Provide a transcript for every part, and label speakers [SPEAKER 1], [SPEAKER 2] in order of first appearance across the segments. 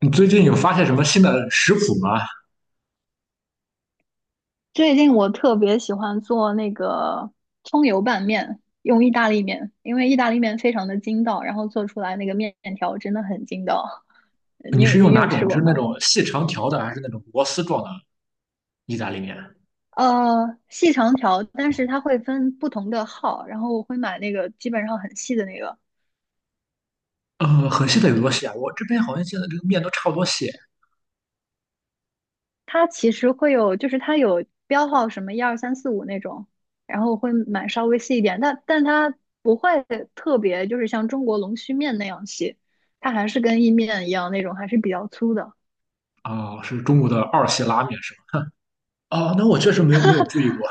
[SPEAKER 1] 你最近有发现什么新的食谱吗？
[SPEAKER 2] 最近我特别喜欢做那个葱油拌面，用意大利面，因为意大利面非常的筋道，然后做出来那个面条真的很筋道。
[SPEAKER 1] 你
[SPEAKER 2] 你
[SPEAKER 1] 是用
[SPEAKER 2] 你
[SPEAKER 1] 哪
[SPEAKER 2] 有
[SPEAKER 1] 种？
[SPEAKER 2] 试
[SPEAKER 1] 就
[SPEAKER 2] 过
[SPEAKER 1] 是那
[SPEAKER 2] 吗？
[SPEAKER 1] 种细长条的，还是那种螺丝状的意大利面？
[SPEAKER 2] 细长条，但是它会分不同的号，然后我会买那个基本上很细的那个，
[SPEAKER 1] 很细的有多细啊？我这边好像现在这个面都差不多细
[SPEAKER 2] 它其实会有，就是它有标号什么一二三四五那种，然后会买稍微细一点，但它不会特别，就是像中国龙须面那样细，它还是跟意面一样那种，还是比较粗的。
[SPEAKER 1] 啊，是中国的二细拉面是吗？哦，那我确实没有注意过。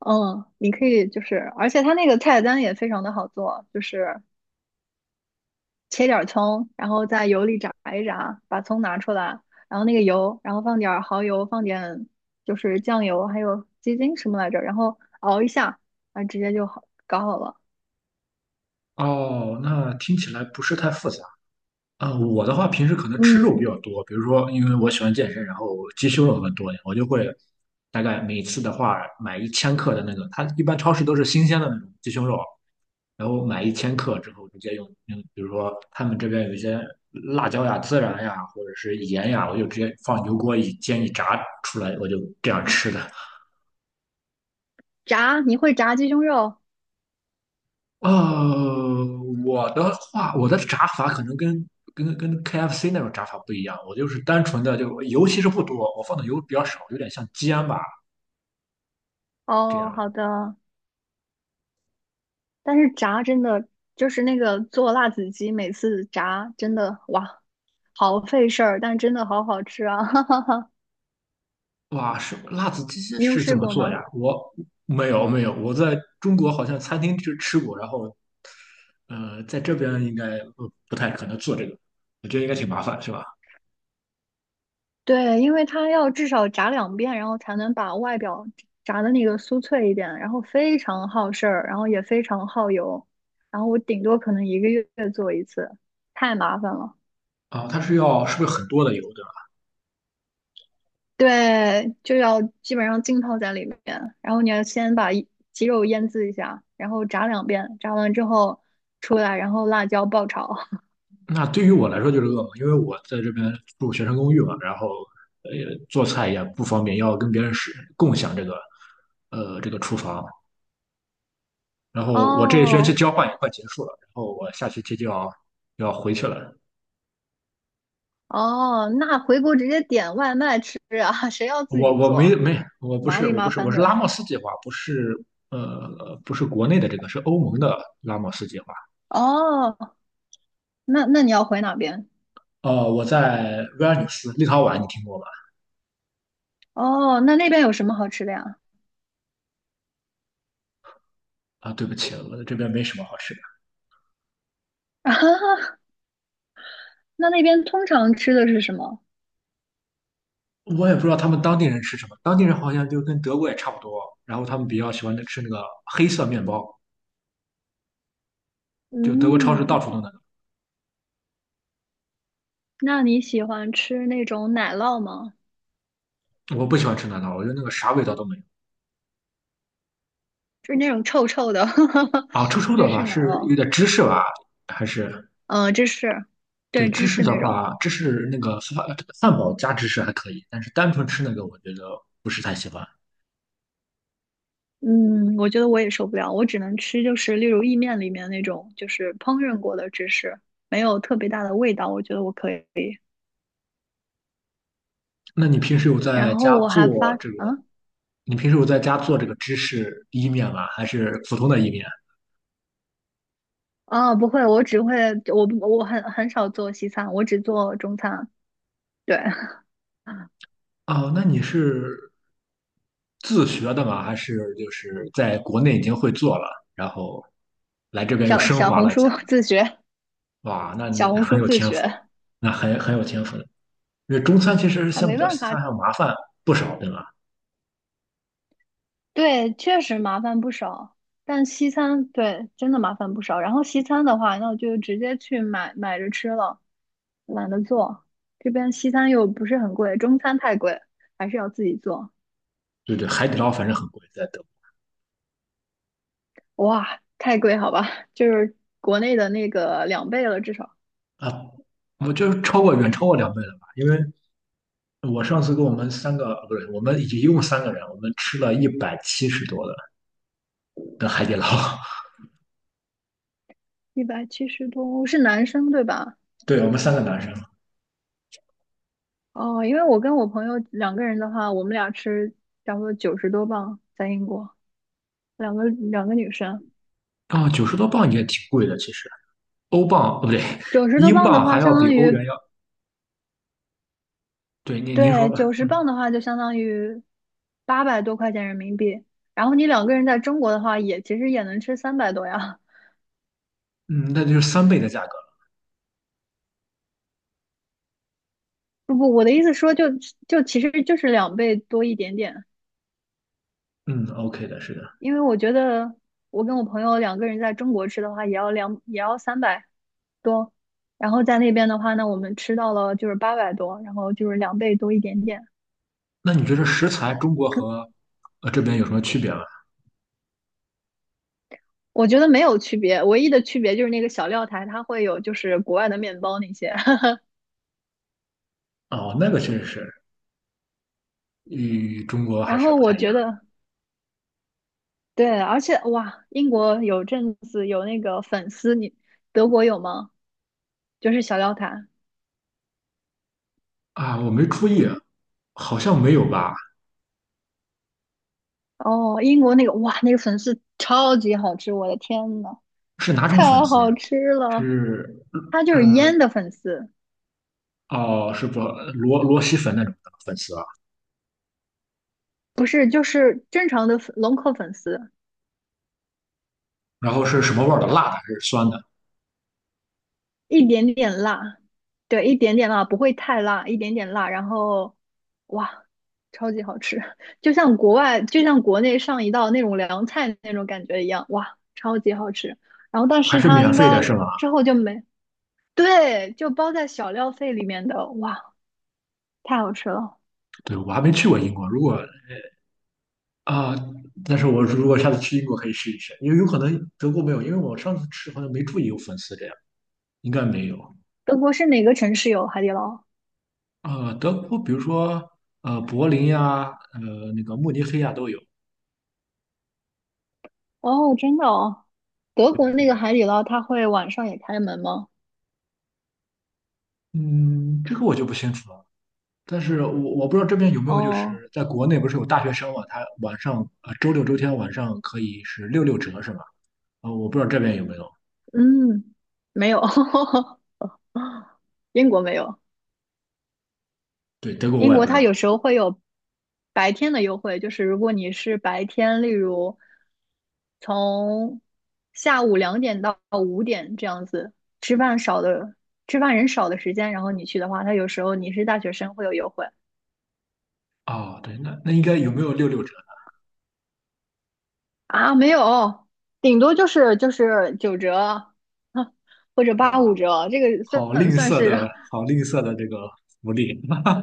[SPEAKER 2] 嗯，你可以就是，而且它那个菜单也非常的好做，就是切点儿葱，然后在油里炸一炸，把葱拿出来，然后那个油，然后放点儿蚝油，放点就是酱油，还有鸡精什么来着，然后熬一下，啊，直接就好搞好了。
[SPEAKER 1] 哦，那听起来不是太复杂。啊、我的话平时可能吃肉
[SPEAKER 2] 嗯。
[SPEAKER 1] 比较多，比如说因为我喜欢健身，然后鸡胸肉更多一点，我就会大概每次的话买一千克的那个，它一般超市都是新鲜的那种鸡胸肉，然后买一千克之后直接用，比如说他们这边有一些辣椒呀、孜然呀，或者是盐呀，我就直接放油锅一煎一炸出来，我就这样吃的。
[SPEAKER 2] 炸，你会炸鸡胸肉？
[SPEAKER 1] 呃，我的话，我的炸法可能跟KFC 那种炸法不一样，我就是单纯的，就油其实不多，我放的油比较少，有点像煎吧这
[SPEAKER 2] 哦，
[SPEAKER 1] 样。
[SPEAKER 2] 好的。但是炸真的就是那个做辣子鸡，每次炸真的哇，好费事儿，但真的好好吃啊！哈哈哈，
[SPEAKER 1] 哇，是辣子鸡
[SPEAKER 2] 你有
[SPEAKER 1] 是怎
[SPEAKER 2] 试
[SPEAKER 1] 么
[SPEAKER 2] 过
[SPEAKER 1] 做呀？
[SPEAKER 2] 吗？
[SPEAKER 1] 我没有没有，我在中国好像餐厅就吃过，然后在这边应该不太可能做这个，我觉得应该挺麻烦，是吧？
[SPEAKER 2] 对，因为它要至少炸两遍，然后才能把外表炸的那个酥脆一点，然后非常耗事儿，然后也非常耗油，然后我顶多可能一个月做一次，太麻烦了。
[SPEAKER 1] 啊，它是要是不是很多的油？的？
[SPEAKER 2] 对，就要基本上浸泡在里面，然后你要先把一鸡肉腌制一下，然后炸两遍，炸完之后出来，然后辣椒爆炒。
[SPEAKER 1] 那对于我来说就是噩梦，因为我在这边住学生公寓嘛，然后呃做菜也不方便，要跟别人是共享这个这个厨房。然后我这一学期
[SPEAKER 2] 哦
[SPEAKER 1] 交换也快结束了，然后我下学期就要回去了。
[SPEAKER 2] 哦，那回国直接点外卖吃啊，谁要自
[SPEAKER 1] 我
[SPEAKER 2] 己
[SPEAKER 1] 我没
[SPEAKER 2] 做，
[SPEAKER 1] 没我不
[SPEAKER 2] 麻
[SPEAKER 1] 是
[SPEAKER 2] 里
[SPEAKER 1] 我
[SPEAKER 2] 麻
[SPEAKER 1] 不是我
[SPEAKER 2] 烦
[SPEAKER 1] 是拉
[SPEAKER 2] 的。
[SPEAKER 1] 莫斯计划，不是不是国内的这个，是欧盟的拉莫斯计划。
[SPEAKER 2] 哦，那你要回哪边？
[SPEAKER 1] 我在维尔纽斯，立陶宛，你听过吗？
[SPEAKER 2] 哦，那边有什么好吃的呀？
[SPEAKER 1] 啊，对不起，我这边没什么好吃的。
[SPEAKER 2] 啊，那边通常吃的是什么？
[SPEAKER 1] 我也不知道他们当地人吃什么，当地人好像就跟德国也差不多，然后他们比较喜欢吃那个黑色面包，就德国超市到
[SPEAKER 2] 嗯，
[SPEAKER 1] 处都那个。
[SPEAKER 2] 那你喜欢吃那种奶酪吗？
[SPEAKER 1] 我不喜欢吃那个，我觉得那个啥味道都没有。
[SPEAKER 2] 就是那种臭臭的
[SPEAKER 1] 啊，臭臭的
[SPEAKER 2] 芝
[SPEAKER 1] 话
[SPEAKER 2] 士奶
[SPEAKER 1] 是有
[SPEAKER 2] 酪，
[SPEAKER 1] 点芝士吧，还是
[SPEAKER 2] 嗯、芝士，
[SPEAKER 1] 对
[SPEAKER 2] 对，
[SPEAKER 1] 芝
[SPEAKER 2] 芝
[SPEAKER 1] 士
[SPEAKER 2] 士
[SPEAKER 1] 的
[SPEAKER 2] 那种，
[SPEAKER 1] 话，芝士那个堡加芝士还可以，但是单纯吃那个我觉得不是太喜欢。
[SPEAKER 2] 嗯，我觉得我也受不了，我只能吃就是例如意面里面那种就是烹饪过的芝士，没有特别大的味道，我觉得我可以。
[SPEAKER 1] 那你平时有在
[SPEAKER 2] 然后
[SPEAKER 1] 家
[SPEAKER 2] 我还
[SPEAKER 1] 做
[SPEAKER 2] 发，
[SPEAKER 1] 这个？
[SPEAKER 2] 嗯，
[SPEAKER 1] 你平时有在家做这个芝士意面吗？还是普通的意面？
[SPEAKER 2] 啊，不会，我只会，我不我很少做西餐，我只做中餐，对，
[SPEAKER 1] 哦，那你是自学的嘛，还是就是在国内已经会做了，然后来这边又
[SPEAKER 2] 小
[SPEAKER 1] 升
[SPEAKER 2] 小
[SPEAKER 1] 华
[SPEAKER 2] 红
[SPEAKER 1] 了一
[SPEAKER 2] 书
[SPEAKER 1] 下呢？
[SPEAKER 2] 自学，
[SPEAKER 1] 哇，那
[SPEAKER 2] 小
[SPEAKER 1] 你
[SPEAKER 2] 红
[SPEAKER 1] 很
[SPEAKER 2] 书
[SPEAKER 1] 有
[SPEAKER 2] 自
[SPEAKER 1] 天赋，
[SPEAKER 2] 学。
[SPEAKER 1] 那很有天赋的。因为中餐其实
[SPEAKER 2] 啊，
[SPEAKER 1] 相
[SPEAKER 2] 没
[SPEAKER 1] 比较
[SPEAKER 2] 办
[SPEAKER 1] 西
[SPEAKER 2] 法。
[SPEAKER 1] 餐还要麻烦不少，对吧？
[SPEAKER 2] 对，确实麻烦不少。但西餐，对，真的麻烦不少。然后西餐的话，那我就直接去买买着吃了，懒得做。这边西餐又不是很贵，中餐太贵，还是要自己做。
[SPEAKER 1] 对对，海底捞反正很贵，在德
[SPEAKER 2] 哇，太贵，好吧，就是国内的那个两倍了，至少。
[SPEAKER 1] 国啊，我就是远超过两倍了吧？因为我上次跟我们三个不是，我们一共三个人，我们吃了170多的海底捞，
[SPEAKER 2] 170多，是男生对吧？
[SPEAKER 1] 对我们三个男生，
[SPEAKER 2] 哦，因为我跟我朋友两个人的话，我们俩吃差不多九十多磅，在英国，两个两个女生。
[SPEAKER 1] 啊，90多镑也挺贵的，其实欧镑哦不对，
[SPEAKER 2] 九十多
[SPEAKER 1] 英
[SPEAKER 2] 磅的
[SPEAKER 1] 镑
[SPEAKER 2] 话，
[SPEAKER 1] 还要
[SPEAKER 2] 相
[SPEAKER 1] 比
[SPEAKER 2] 当
[SPEAKER 1] 欧
[SPEAKER 2] 于，
[SPEAKER 1] 元要对，您说
[SPEAKER 2] 对，
[SPEAKER 1] 吧，
[SPEAKER 2] 九十
[SPEAKER 1] 嗯
[SPEAKER 2] 磅的话就相当于八百多块钱人民币，然后你两个人在中国的话也，其实也能吃三百多呀。
[SPEAKER 1] 嗯，那就是三倍的价格，
[SPEAKER 2] 不不，我的意思说就其实就是两倍多一点点，
[SPEAKER 1] 嗯，OK 的，是的。
[SPEAKER 2] 因为我觉得我跟我朋友两个人在中国吃的话，也要三百多，然后在那边的话呢，我们吃到了就是八百多，然后就是两倍多一点点，
[SPEAKER 1] 那你觉得食材中国和这边有什么区别吗？
[SPEAKER 2] 我觉得没有区别，唯一的区别就是那个小料台它会有就是国外的面包那些。
[SPEAKER 1] 哦，那个确实是与中国 还
[SPEAKER 2] 然
[SPEAKER 1] 是
[SPEAKER 2] 后
[SPEAKER 1] 不
[SPEAKER 2] 我
[SPEAKER 1] 太一
[SPEAKER 2] 觉
[SPEAKER 1] 样
[SPEAKER 2] 得，对，而且哇，英国有阵子有那个粉丝，你德国有吗？就是小料坛。
[SPEAKER 1] 啊，我没注意，好像没有吧？
[SPEAKER 2] 哦，英国那个哇，那个粉丝超级好吃，我的天呐，
[SPEAKER 1] 是哪种粉
[SPEAKER 2] 太
[SPEAKER 1] 丝呀？
[SPEAKER 2] 好吃了！
[SPEAKER 1] 是
[SPEAKER 2] 它就是腌
[SPEAKER 1] 嗯
[SPEAKER 2] 的粉丝，
[SPEAKER 1] 哦，是不蛳粉那种的粉丝啊？
[SPEAKER 2] 不是就是正常的粉龙口粉丝，
[SPEAKER 1] 然后是什么味儿的？辣的还是酸的？
[SPEAKER 2] 一点点辣，对，一点点辣，不会太辣，一点点辣，然后哇，超级好吃，就像国外，就像国内上一道那种凉菜那种感觉一样，哇，超级好吃。然后，但
[SPEAKER 1] 还
[SPEAKER 2] 是
[SPEAKER 1] 是
[SPEAKER 2] 它
[SPEAKER 1] 免
[SPEAKER 2] 应
[SPEAKER 1] 费的
[SPEAKER 2] 该
[SPEAKER 1] 是吗？
[SPEAKER 2] 之后就没，对，就包在小料费里面的，哇，太好吃了。
[SPEAKER 1] 对，我还没去过英国，如果啊，但是我如果下次去英国可以试一试，因为有可能德国没有，因为我上次吃好像没注意有粉丝这样，应该没有。
[SPEAKER 2] 德国是哪个城市有海底捞？
[SPEAKER 1] 啊，德国比如说柏林呀、那个慕尼黑呀、都有。
[SPEAKER 2] 哦，真的哦，德国那个海底捞它会晚上也开门吗？
[SPEAKER 1] 嗯，这个我就不清楚了。但是我不知道这边有没有，就
[SPEAKER 2] 哦，
[SPEAKER 1] 是在国内不是有大学生嘛，他晚上周六周天晚上可以是六六折是吧？啊、我不知道这边有没有。
[SPEAKER 2] 嗯，没有，英国没有。
[SPEAKER 1] 对，德国
[SPEAKER 2] 英
[SPEAKER 1] 我也
[SPEAKER 2] 国
[SPEAKER 1] 不知
[SPEAKER 2] 它有
[SPEAKER 1] 道。
[SPEAKER 2] 时候会有白天的优惠，就是如果你是白天，例如从下午2点到5点这样子，吃饭少的吃饭人少的时间，然后你去的话，它有时候你是大学生会有优惠。
[SPEAKER 1] 哦，对，那应该有没有六六折
[SPEAKER 2] 啊，没有，顶多就是9折，或者
[SPEAKER 1] 呢？
[SPEAKER 2] 八五
[SPEAKER 1] 哇，
[SPEAKER 2] 折，这个
[SPEAKER 1] 好
[SPEAKER 2] 算
[SPEAKER 1] 吝
[SPEAKER 2] 算
[SPEAKER 1] 啬
[SPEAKER 2] 是。
[SPEAKER 1] 的，好吝啬的这个福利。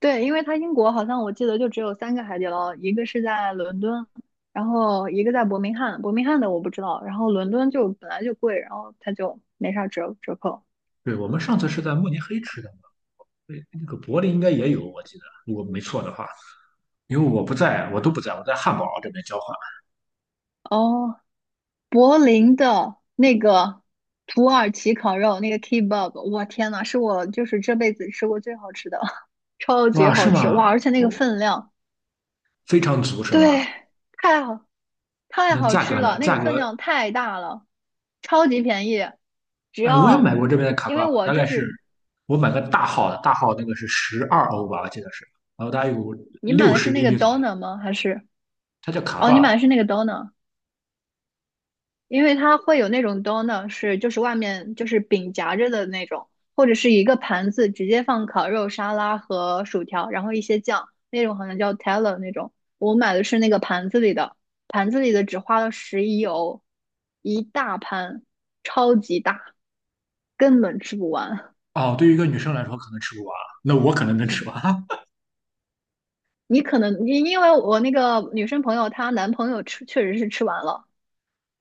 [SPEAKER 2] 对，因为它英国好像我记得就只有三个海底捞，一个是在伦敦，然后一个在伯明翰，伯明翰的我不知道，然后伦敦就本来就贵，然后它就没啥折扣。
[SPEAKER 1] 对，我们上次是在慕尼黑吃的嘛，对，那个柏林应该也有，我记得，如果没错的话，因为我不在，我都不在，我在汉堡这边交换。
[SPEAKER 2] 哦，柏林的那个土耳其烤肉，那个 kebab，我天呐，是我就是这辈子吃过最好吃的，超级
[SPEAKER 1] 哇，是
[SPEAKER 2] 好吃，哇！
[SPEAKER 1] 吗？
[SPEAKER 2] 而且那个
[SPEAKER 1] 哦，
[SPEAKER 2] 分量，
[SPEAKER 1] 非常足是吗？
[SPEAKER 2] 对，太好太
[SPEAKER 1] 那
[SPEAKER 2] 好
[SPEAKER 1] 价
[SPEAKER 2] 吃
[SPEAKER 1] 格呢？
[SPEAKER 2] 了，那个
[SPEAKER 1] 价
[SPEAKER 2] 分
[SPEAKER 1] 格，
[SPEAKER 2] 量太大了，超级便宜，只
[SPEAKER 1] 哎，我也
[SPEAKER 2] 要。
[SPEAKER 1] 买过这边的卡
[SPEAKER 2] 因为
[SPEAKER 1] 挂吧，
[SPEAKER 2] 我
[SPEAKER 1] 大
[SPEAKER 2] 就
[SPEAKER 1] 概是
[SPEAKER 2] 是
[SPEAKER 1] 我买个大号的，大号那个是12欧吧，我记得是，然后大概有
[SPEAKER 2] 你买
[SPEAKER 1] 六
[SPEAKER 2] 的
[SPEAKER 1] 十
[SPEAKER 2] 是那
[SPEAKER 1] 厘
[SPEAKER 2] 个
[SPEAKER 1] 米
[SPEAKER 2] d
[SPEAKER 1] 左
[SPEAKER 2] o
[SPEAKER 1] 右，
[SPEAKER 2] n e r 吗？还是
[SPEAKER 1] 它叫卡
[SPEAKER 2] 哦，你
[SPEAKER 1] 挂。
[SPEAKER 2] 买的是那个 d o n e r 因为它会有那种 Döner 是就是外面就是饼夹着的那种，或者是一个盘子直接放烤肉、沙拉和薯条，然后一些酱，那种好像叫 teller 那种。我买的是那个盘子里的，盘子里的只花了十一欧，一大盘，超级大，根本吃不完。
[SPEAKER 1] 哦，对于一个女生来说可能吃不完，那我可能能吃完。
[SPEAKER 2] 你可能因为我那个女生朋友她男朋友吃确实是吃完了。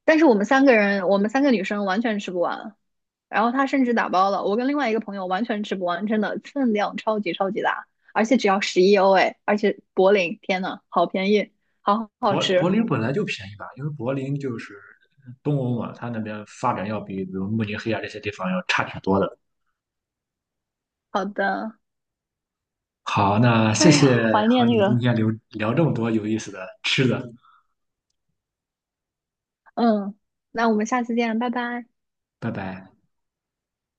[SPEAKER 2] 但是我们三个人，我们三个女生完全吃不完，然后他甚至打包了，我跟另外一个朋友完全吃不完，真的分量超级超级大，而且只要十一欧哎，而且柏林，天呐，好便宜，好好吃，
[SPEAKER 1] 林本来就便宜吧，因为柏林就是东欧嘛，它那边发展要比如慕尼黑啊这些地方要差挺多的。
[SPEAKER 2] 好的，
[SPEAKER 1] 好，那谢
[SPEAKER 2] 哎呀，
[SPEAKER 1] 谢
[SPEAKER 2] 怀念
[SPEAKER 1] 和
[SPEAKER 2] 那
[SPEAKER 1] 你今
[SPEAKER 2] 个，
[SPEAKER 1] 天聊聊这么多有意思的吃的，
[SPEAKER 2] 嗯，那我们下次见，拜拜。
[SPEAKER 1] 拜拜。